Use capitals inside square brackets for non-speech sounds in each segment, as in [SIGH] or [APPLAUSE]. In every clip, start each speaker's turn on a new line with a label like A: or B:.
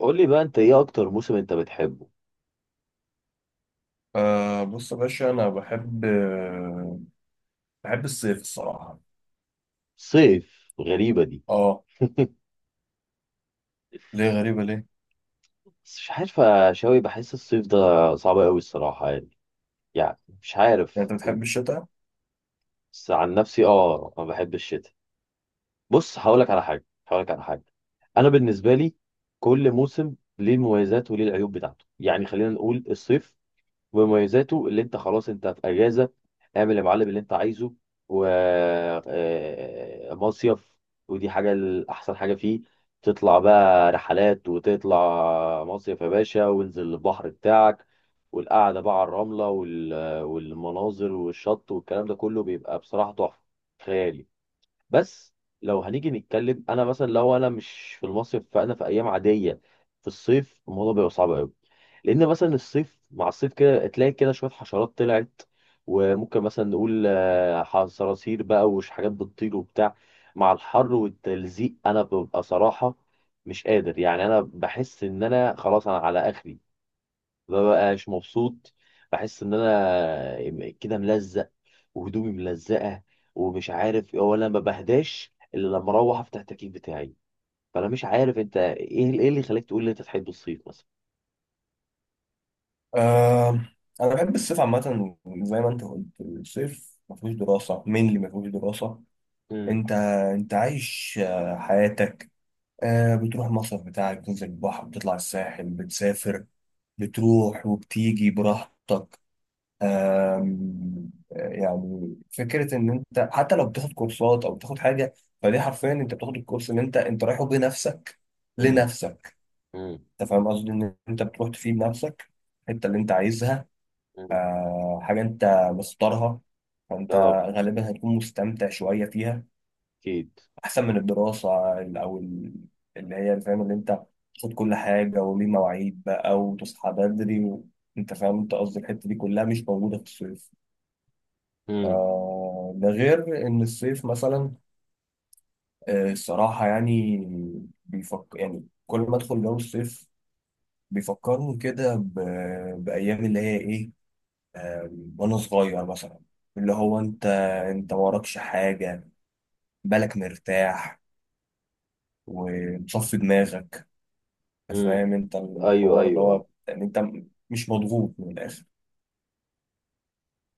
A: قول لي بقى، انت ايه اكتر موسم انت بتحبه؟
B: آه، بص يا باشا، أنا بحب بحب الصيف الصراحة.
A: صيف؟ غريبة دي.
B: أه.
A: [LAUGHS]
B: ليه غريبة ليه؟
A: بس مش عارف يا شاوي، بحس الصيف ده صعب قوي الصراحة يعني مش عارف.
B: يعني أنت بتحب الشتاء؟
A: بس عن نفسي اه، ما بحب الشتاء. بص، هقولك على حاجة. انا بالنسبة لي كل موسم ليه المميزات وليه العيوب بتاعته. يعني خلينا نقول الصيف ومميزاته، اللي انت خلاص انت في اجازه، اعمل يا معلم اللي انت عايزه، و مصيف. ودي حاجه، الاحسن حاجه فيه تطلع بقى رحلات وتطلع مصيف يا باشا، وانزل البحر بتاعك، والقعده بقى على الرمله والمناظر والشط، والكلام ده كله بيبقى بصراحه تحفه خيالي. بس لو هنيجي نتكلم، انا مثلا لو انا مش في المصيف فانا في ايام عاديه. في الصيف الموضوع بيبقى صعب قوي، لان مثلا الصيف مع الصيف كده تلاقي كده شويه حشرات طلعت، وممكن مثلا نقول صراصير بقى وش حاجات بتطير وبتاع. مع الحر والتلزيق انا ببقى صراحه مش قادر يعني، انا بحس ان انا خلاص، انا على اخري. مببقاش مبسوط. بحس ان انا كده ملزق وهدومي ملزقه، ومش عارف، ولا ما بهداش الا لما اروح افتح التكييف بتاعي. فانا مش عارف انت، ايه اللي خلاك تقول لي انت تحب الصيف مثلا؟
B: آه، أنا بحب الصيف عامة. زي ما أنت قلت، الصيف مفيهوش دراسة. مين اللي مفيهوش دراسة؟
A: امم.
B: أنت. أنت عايش حياتك. بتروح المصيف بتاعك، بتنزل البحر، بتطلع الساحل، بتسافر، بتروح وبتيجي براحتك. يعني فكره ان انت حتى لو بتاخد كورسات او بتاخد حاجه، فدي حرفيا انت بتاخد الكورس اللي انت رايحه بنفسك
A: امم.
B: لنفسك.
A: امم.
B: انت فاهم قصدي ان انت بتروح تفيد نفسك الحته اللي انت عايزها،
A: امم.
B: حاجه انت مختارها. فانت
A: اه،
B: غالبا هتكون مستمتع شويه فيها،
A: اكيد.
B: احسن من الدراسه اللي هي فاهم، اللي انت تاخد كل حاجه وليه مواعيد بقى وتصحى بدري انت فاهم انت قصدي الحته دي كلها مش موجوده في الصيف.
A: امم.
B: ده غير ان الصيف مثلا الصراحه يعني بيفكر، يعني كل ما ادخل جو الصيف بيفكرني كده بايام اللي هي ايه وانا صغير مثلا، اللي هو انت وراكش حاجه، بالك مرتاح ومصفي دماغك.
A: امم.
B: فاهم انت
A: ايوه،
B: الحوار اللي
A: ايوه، اه.
B: هو يعني انت مش مضغوط من الاخر.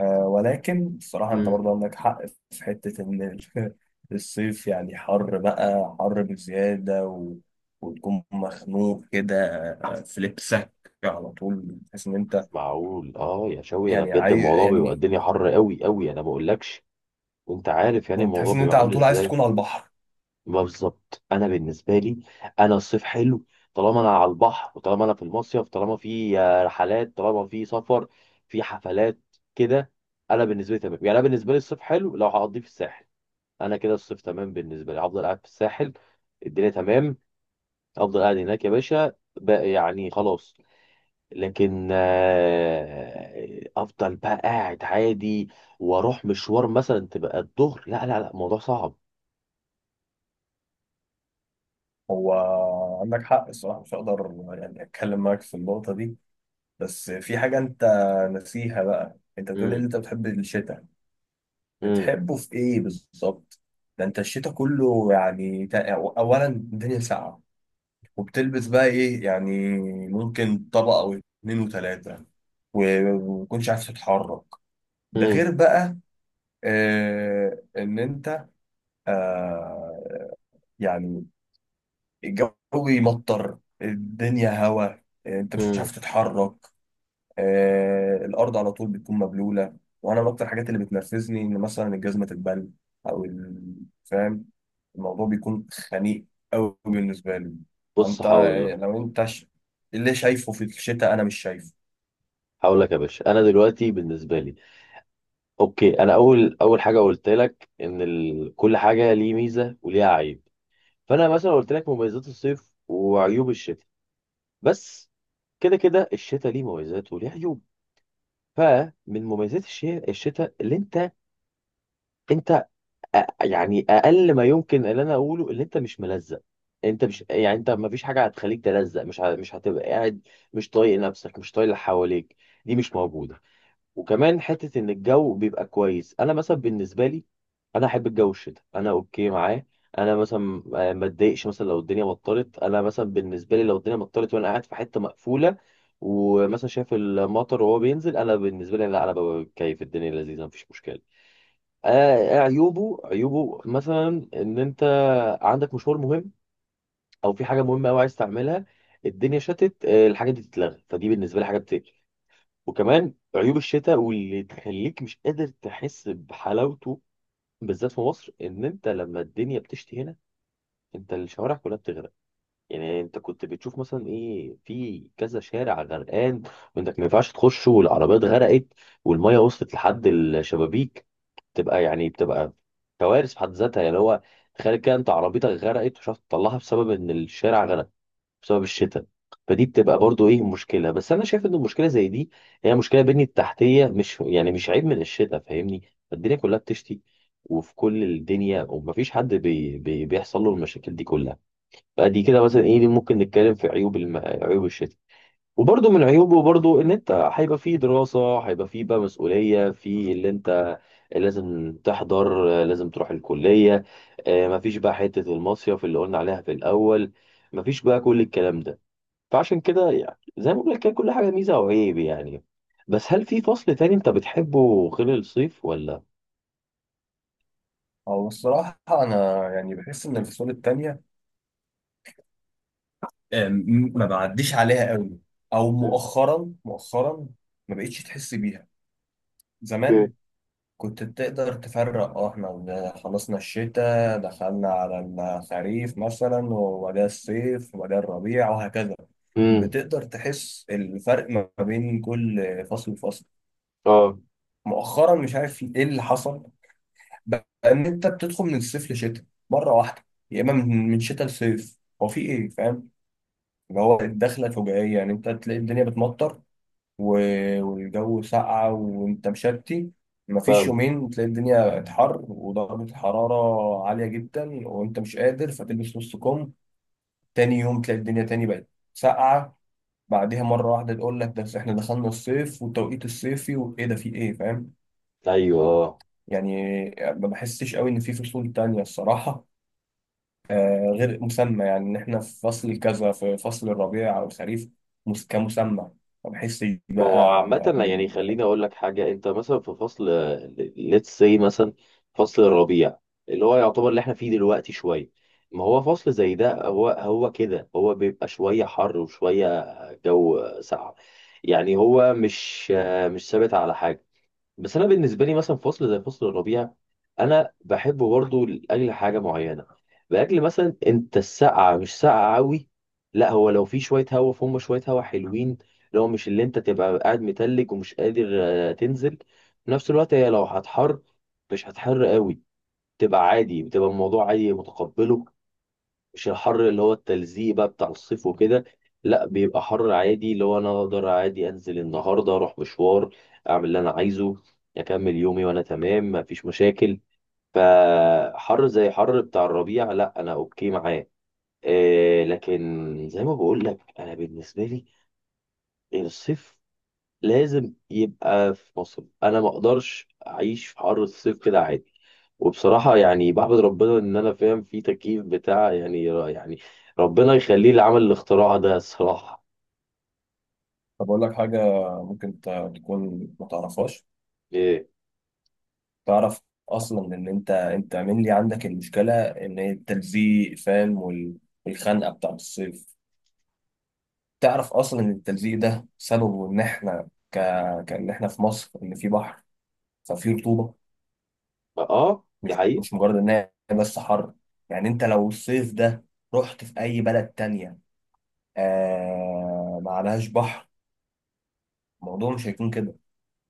B: ولكن الصراحة أنت
A: امم.
B: برضه عندك حق في حتة إن [LAUGHS] الصيف يعني حر بقى، حر بزيادة وتكون مخنوق كده في لبسك. على طول تحس إن
A: مش
B: أنت
A: معقول اه يا شوي، انا
B: يعني
A: بجد
B: عايز
A: الموضوع بيبقى
B: يعني
A: الدنيا حر قوي قوي، انا ما اقولكش. وانت عارف يعني
B: يعني تحس
A: الموضوع
B: إن أنت
A: بيبقى
B: على
A: عامل
B: طول عايز
A: ازاي.
B: تكون على البحر.
A: ما بالظبط، انا بالنسبه لي انا الصيف حلو طالما انا على البحر، وطالما انا في المصيف، طالما في رحلات، طالما في سفر، في حفلات كده. انا بالنسبه لي تمام يعني. انا بالنسبه لي الصيف حلو لو هقضيه في الساحل. انا كده الصيف تمام بالنسبه لي. هفضل قاعد في الساحل الدنيا تمام. افضل قاعد هناك يا باشا بقى، يعني خلاص. لكن افضل بقى قاعد عادي، واروح مشوار مثلا تبقى الظهر، لا لا لا، الموضوع صعب.
B: هو عندك حق الصراحة، مش هقدر يعني أتكلم معاك في النقطة دي. بس في حاجة أنت ناسيها بقى، أنت بتقول إن
A: امم.
B: أنت بتحب الشتاء، بتحبه في ايه بالظبط؟ ده انت الشتاء كله يعني اولا الدنيا ساقعه، وبتلبس بقى ايه يعني؟ ممكن طبقه او اتنين وتلاته، وما تكونش عارف تتحرك. ده
A: امم.
B: غير بقى آه ان انت آه يعني الجو يمطر، الدنيا هوا، انت مش
A: امم.
B: عارف تتحرك. الارض على طول بتكون مبلوله، وانا من اكتر الحاجات اللي بتنرفزني ان مثلا الجزمه تتبل او ال- فاهم؟ الموضوع بيكون خنيق قوي بالنسبه لي.
A: بص
B: انت
A: هقول لك
B: لو انت اللي شايفه في الشتاء انا مش شايفه.
A: هقول لك يا باشا، انا دلوقتي بالنسبه لي اوكي. انا اول حاجه قلت لك ان كل حاجه ليه ميزه وليها عيب. فانا مثلا قلت لك مميزات الصيف وعيوب الشتاء. بس كده كده الشتاء ليه مميزات وليه عيوب. فمن مميزات الشتاء، اللي انت يعني اقل ما يمكن اللي انا اقوله، اللي انت مش ملزق. انت مش يعني انت ما فيش حاجه هتخليك تلزق، مش هتبقى قاعد مش طايق نفسك مش طايق اللي حواليك. دي مش موجوده. وكمان حته ان الجو بيبقى كويس. انا مثلا بالنسبه لي، انا احب الجو الشتاء، انا اوكي معاه. انا مثلا ما اتضايقش مثلا لو الدنيا مطرت. انا مثلا بالنسبه لي لو الدنيا مطرت وانا قاعد في حته مقفوله ومثلا شايف المطر وهو بينزل، انا بالنسبه لي لا، انا ببقى بتكيف، الدنيا لذيذه مفيش مشكله. آه عيوبه، عيوبه مثلا ان انت عندك مشوار مهم او في حاجه مهمه قوي عايز تعملها، الدنيا شتت، الحاجه دي تتلغى، فدي بالنسبه لي حاجه بتقفل. وكمان عيوب الشتاء، واللي تخليك مش قادر تحس بحلاوته بالذات في مصر، ان انت لما الدنيا بتشتي هنا انت الشوارع كلها بتغرق. يعني انت كنت بتشوف مثلا ايه في كذا شارع غرقان، وانك ما ينفعش تخش، والعربيات غرقت، والميه وصلت لحد الشبابيك. تبقى يعني بتبقى كوارث في حد ذاتها يعني. هو تخيل كده انت عربيتك غرقت ومش عارف تطلعها بسبب ان الشارع غرق، بسبب الشتاء. فدي بتبقى برضو ايه مشكله، بس انا شايف ان المشكله زي دي هي مشكله بنية تحتيه، مش يعني مش عيب من الشتاء فاهمني. الدنيا كلها بتشتي وفي كل الدنيا، ومفيش حد بي بي بيحصل له المشاكل دي كلها. فدي كده مثلا ايه، دي ممكن نتكلم في عيوب الشتاء. وبرضه من عيوبه برضه ان انت هيبقى فيه دراسه، هيبقى فيه بقى مسؤوليه في اللي انت لازم تحضر، لازم تروح الكليه، مفيش بقى حته المصيف اللي قلنا عليها في الاول، مفيش بقى كل الكلام ده. فعشان كده يعني زي ما بقول لك كده كل حاجة ميزة وعيب يعني. بس هل في فصل تاني انت بتحبه غير الصيف ولا؟
B: هو الصراحه انا يعني بحس ان الفصول التانية ما بعديش عليها قوي، او مؤخرا مؤخرا ما بقتش تحس بيها.
A: اوكي.
B: زمان كنت بتقدر تفرق، اه احنا خلصنا الشتاء دخلنا على الخريف مثلا، وبعدها الصيف وبعدها الربيع وهكذا.
A: امم.
B: بتقدر تحس الفرق ما بين كل فصل وفصل.
A: اه.
B: مؤخرا مش عارف ايه اللي حصل، بقى ان انت بتدخل من الصيف لشتاء مرة واحدة، يا اما من شتاء لصيف، هو في ايه فاهم؟ اللي هو الدخلة الفجائية. يعني انت تلاقي الدنيا بتمطر والجو ساقعة وانت مشتي، مفيش
A: فاهم.
B: يومين تلاقي الدنيا اتحر ودرجة الحرارة عالية جدا وانت مش قادر فتلبس نص كم، تاني يوم تلاقي الدنيا تاني بقت ساقعة، بعدها مرة واحدة تقول لك ده احنا دخلنا الصيف والتوقيت الصيفي وايه ده في ايه فاهم؟
A: ايوه، اه.
B: يعني ما بحسش قوي ان في فصول تانية الصراحة، غير مسمى. يعني ان احنا في فصل كذا، في فصل الربيع او الخريف كمسمى، ما بحسش
A: ما هو
B: بقى.
A: عامة، يعني خليني اقول لك حاجة. انت مثلا في فصل، ليتس سي مثلا، فصل الربيع اللي هو يعتبر اللي احنا فيه دلوقتي شوية. ما هو فصل زي ده، هو كده هو بيبقى شوية حر وشوية جو ساقع. يعني هو مش ثابت على حاجة. بس انا بالنسبه لي مثلا فصل زي فصل الربيع، انا بحبه برضه لاجل حاجه معينه. لاجل مثلا انت السقعه مش ساقعه قوي، لا هو لو في شويه هوا، فهم شويه هوا حلوين، لو مش اللي انت تبقى قاعد متلج ومش قادر تنزل. في نفس الوقت هي لو هتحر مش هتحر قوي، تبقى عادي، بتبقى الموضوع عادي متقبله، مش الحر اللي هو التلزيق بقى بتاع الصيف وكده. لا بيبقى حر عادي، اللي هو انا اقدر عادي انزل النهارده، اروح مشوار، اعمل اللي انا عايزه، اكمل يومي وانا تمام مفيش مشاكل. فحر زي حر بتاع الربيع، لا انا اوكي معاه. إيه، لكن زي ما بقول لك انا بالنسبه لي، الصيف لازم يبقى في مصر. انا ما اقدرش اعيش في حر الصيف كده عادي. وبصراحه يعني بحمد ربنا ان انا فاهم في تكييف بتاع يعني، يعني، ربنا يخليه اللي عمل الاختراع ده الصراحه.
B: طب أقول لك حاجة، ممكن تكون ما تعرفهاش.
A: إيه.
B: تعرف أصلا إن أنت mainly عندك المشكلة، إن هي التلزيق فاهم والخنقة بتاعت الصيف. تعرف أصلا إن التلزيق ده سببه إن إحنا كإن إحنا في مصر، إن في بحر، ففي رطوبة.
A: اه دي
B: مش
A: حقيقه.
B: مش مجرد إن هي بس حر. يعني أنت لو الصيف ده رحت في أي بلد تانية ما عليهاش بحر، الموضوع مش هيكون كده،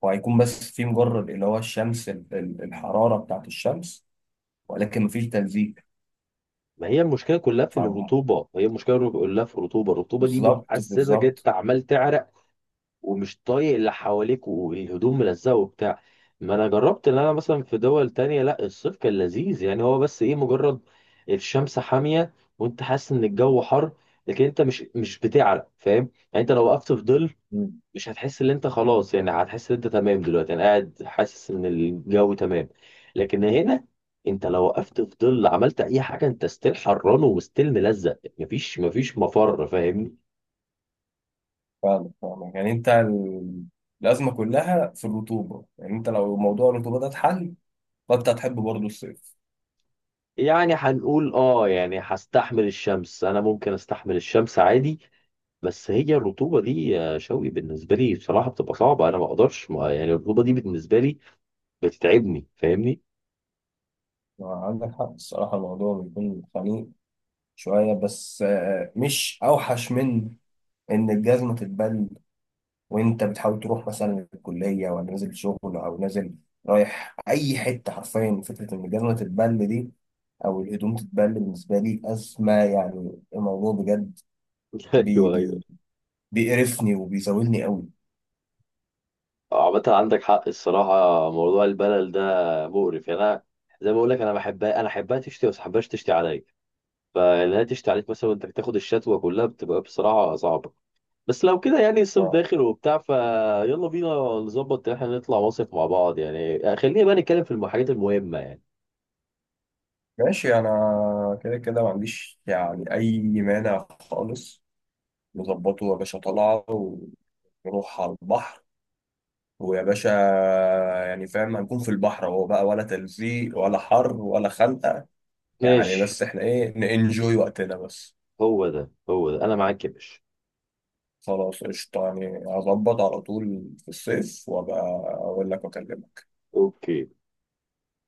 B: وهيكون بس في مجرد اللي هو الشمس الحرارة بتاعت الشمس، ولكن مفيش تلزيق.
A: ما هي المشكله كلها في
B: فاهم؟
A: الرطوبه، هي المشكله كلها في الرطوبه، الرطوبه دي
B: بالظبط
A: بتحسسك انت
B: بالظبط.
A: عمال تعرق، ومش طايق اللي حواليك، والهدوم ملزقه وبتاع. ما انا جربت ان انا مثلا في دول تانية، لا الصيف كان لذيذ، يعني هو بس ايه، مجرد الشمس حامية وانت حاسس ان الجو حر، لكن انت مش بتعرق فاهم. يعني انت لو وقفت في ظل
B: مم.
A: مش هتحس ان انت خلاص، يعني هتحس ان انت تمام، دلوقتي انا قاعد حاسس ان الجو تمام. لكن هنا انت لو وقفت في ظل عملت اي حاجه، انت ستيل حران وستيل ملزق، مفيش مفر فاهمني.
B: فاهمك فاهمك، يعني انت الازمه كلها في الرطوبه. يعني انت لو موضوع الرطوبه ده اتحل، فانت هتحب برضه الصيف.
A: يعني هنقول اه، يعني هستحمل الشمس، انا ممكن استحمل الشمس عادي. بس هي الرطوبه دي يا شوقي بالنسبه لي بصراحه بتبقى صعبه، انا ما اقدرش، ما يعني الرطوبه دي بالنسبه لي بتتعبني فاهمني.
B: عندك حق الصراحة، الموضوع بيكون خنيق شويه بس، مش اوحش من ان الجزمه تتبل وانت بتحاول تروح مثلا الكليه ولا نازل شغل او نازل رايح اي حته. حرفيا فكره ان الجزمه تتبل دي او الهدوم تتبل بالنسبه لي ازمه، يعني الموضوع بجد
A: [LAUGHS]
B: بي
A: ايوه، ايوه.
B: بي بيقرفني وبيزاولني قوي.
A: عامه عندك حق الصراحه. موضوع البلل ده مقرف يعني، انا زي ما بقول لك انا بحبها، انا احبها تشتي، بس ما احبهاش تشتي عليا. فانها تشتي عليك مثلا، وانت تاخد الشتوه كلها، بتبقى بصراحه صعبه. بس لو كده يعني الصيف
B: ما-
A: داخل وبتاع، فيلا بينا نظبط ان احنا نطلع مصيف مع بعض. يعني خلينا بقى نتكلم في الحاجات المهمة يعني.
B: ماشي، انا كده كده ما عنديش يعني اي مانع خالص. نظبطه يا باشا، طلعه ونروح على البحر ويا باشا، يعني فاهم هنكون في البحر اهو بقى، ولا تلزيق ولا حر ولا خنقه، يعني
A: ماشي.
B: بس احنا ايه ننجوي وقتنا بس.
A: هو ده، هو ده، انا معاك يا باشا.
B: خلاص قشطه، يعني هظبط على طول في الصيف وابقى اقول لك واكلمك.
A: اوكي.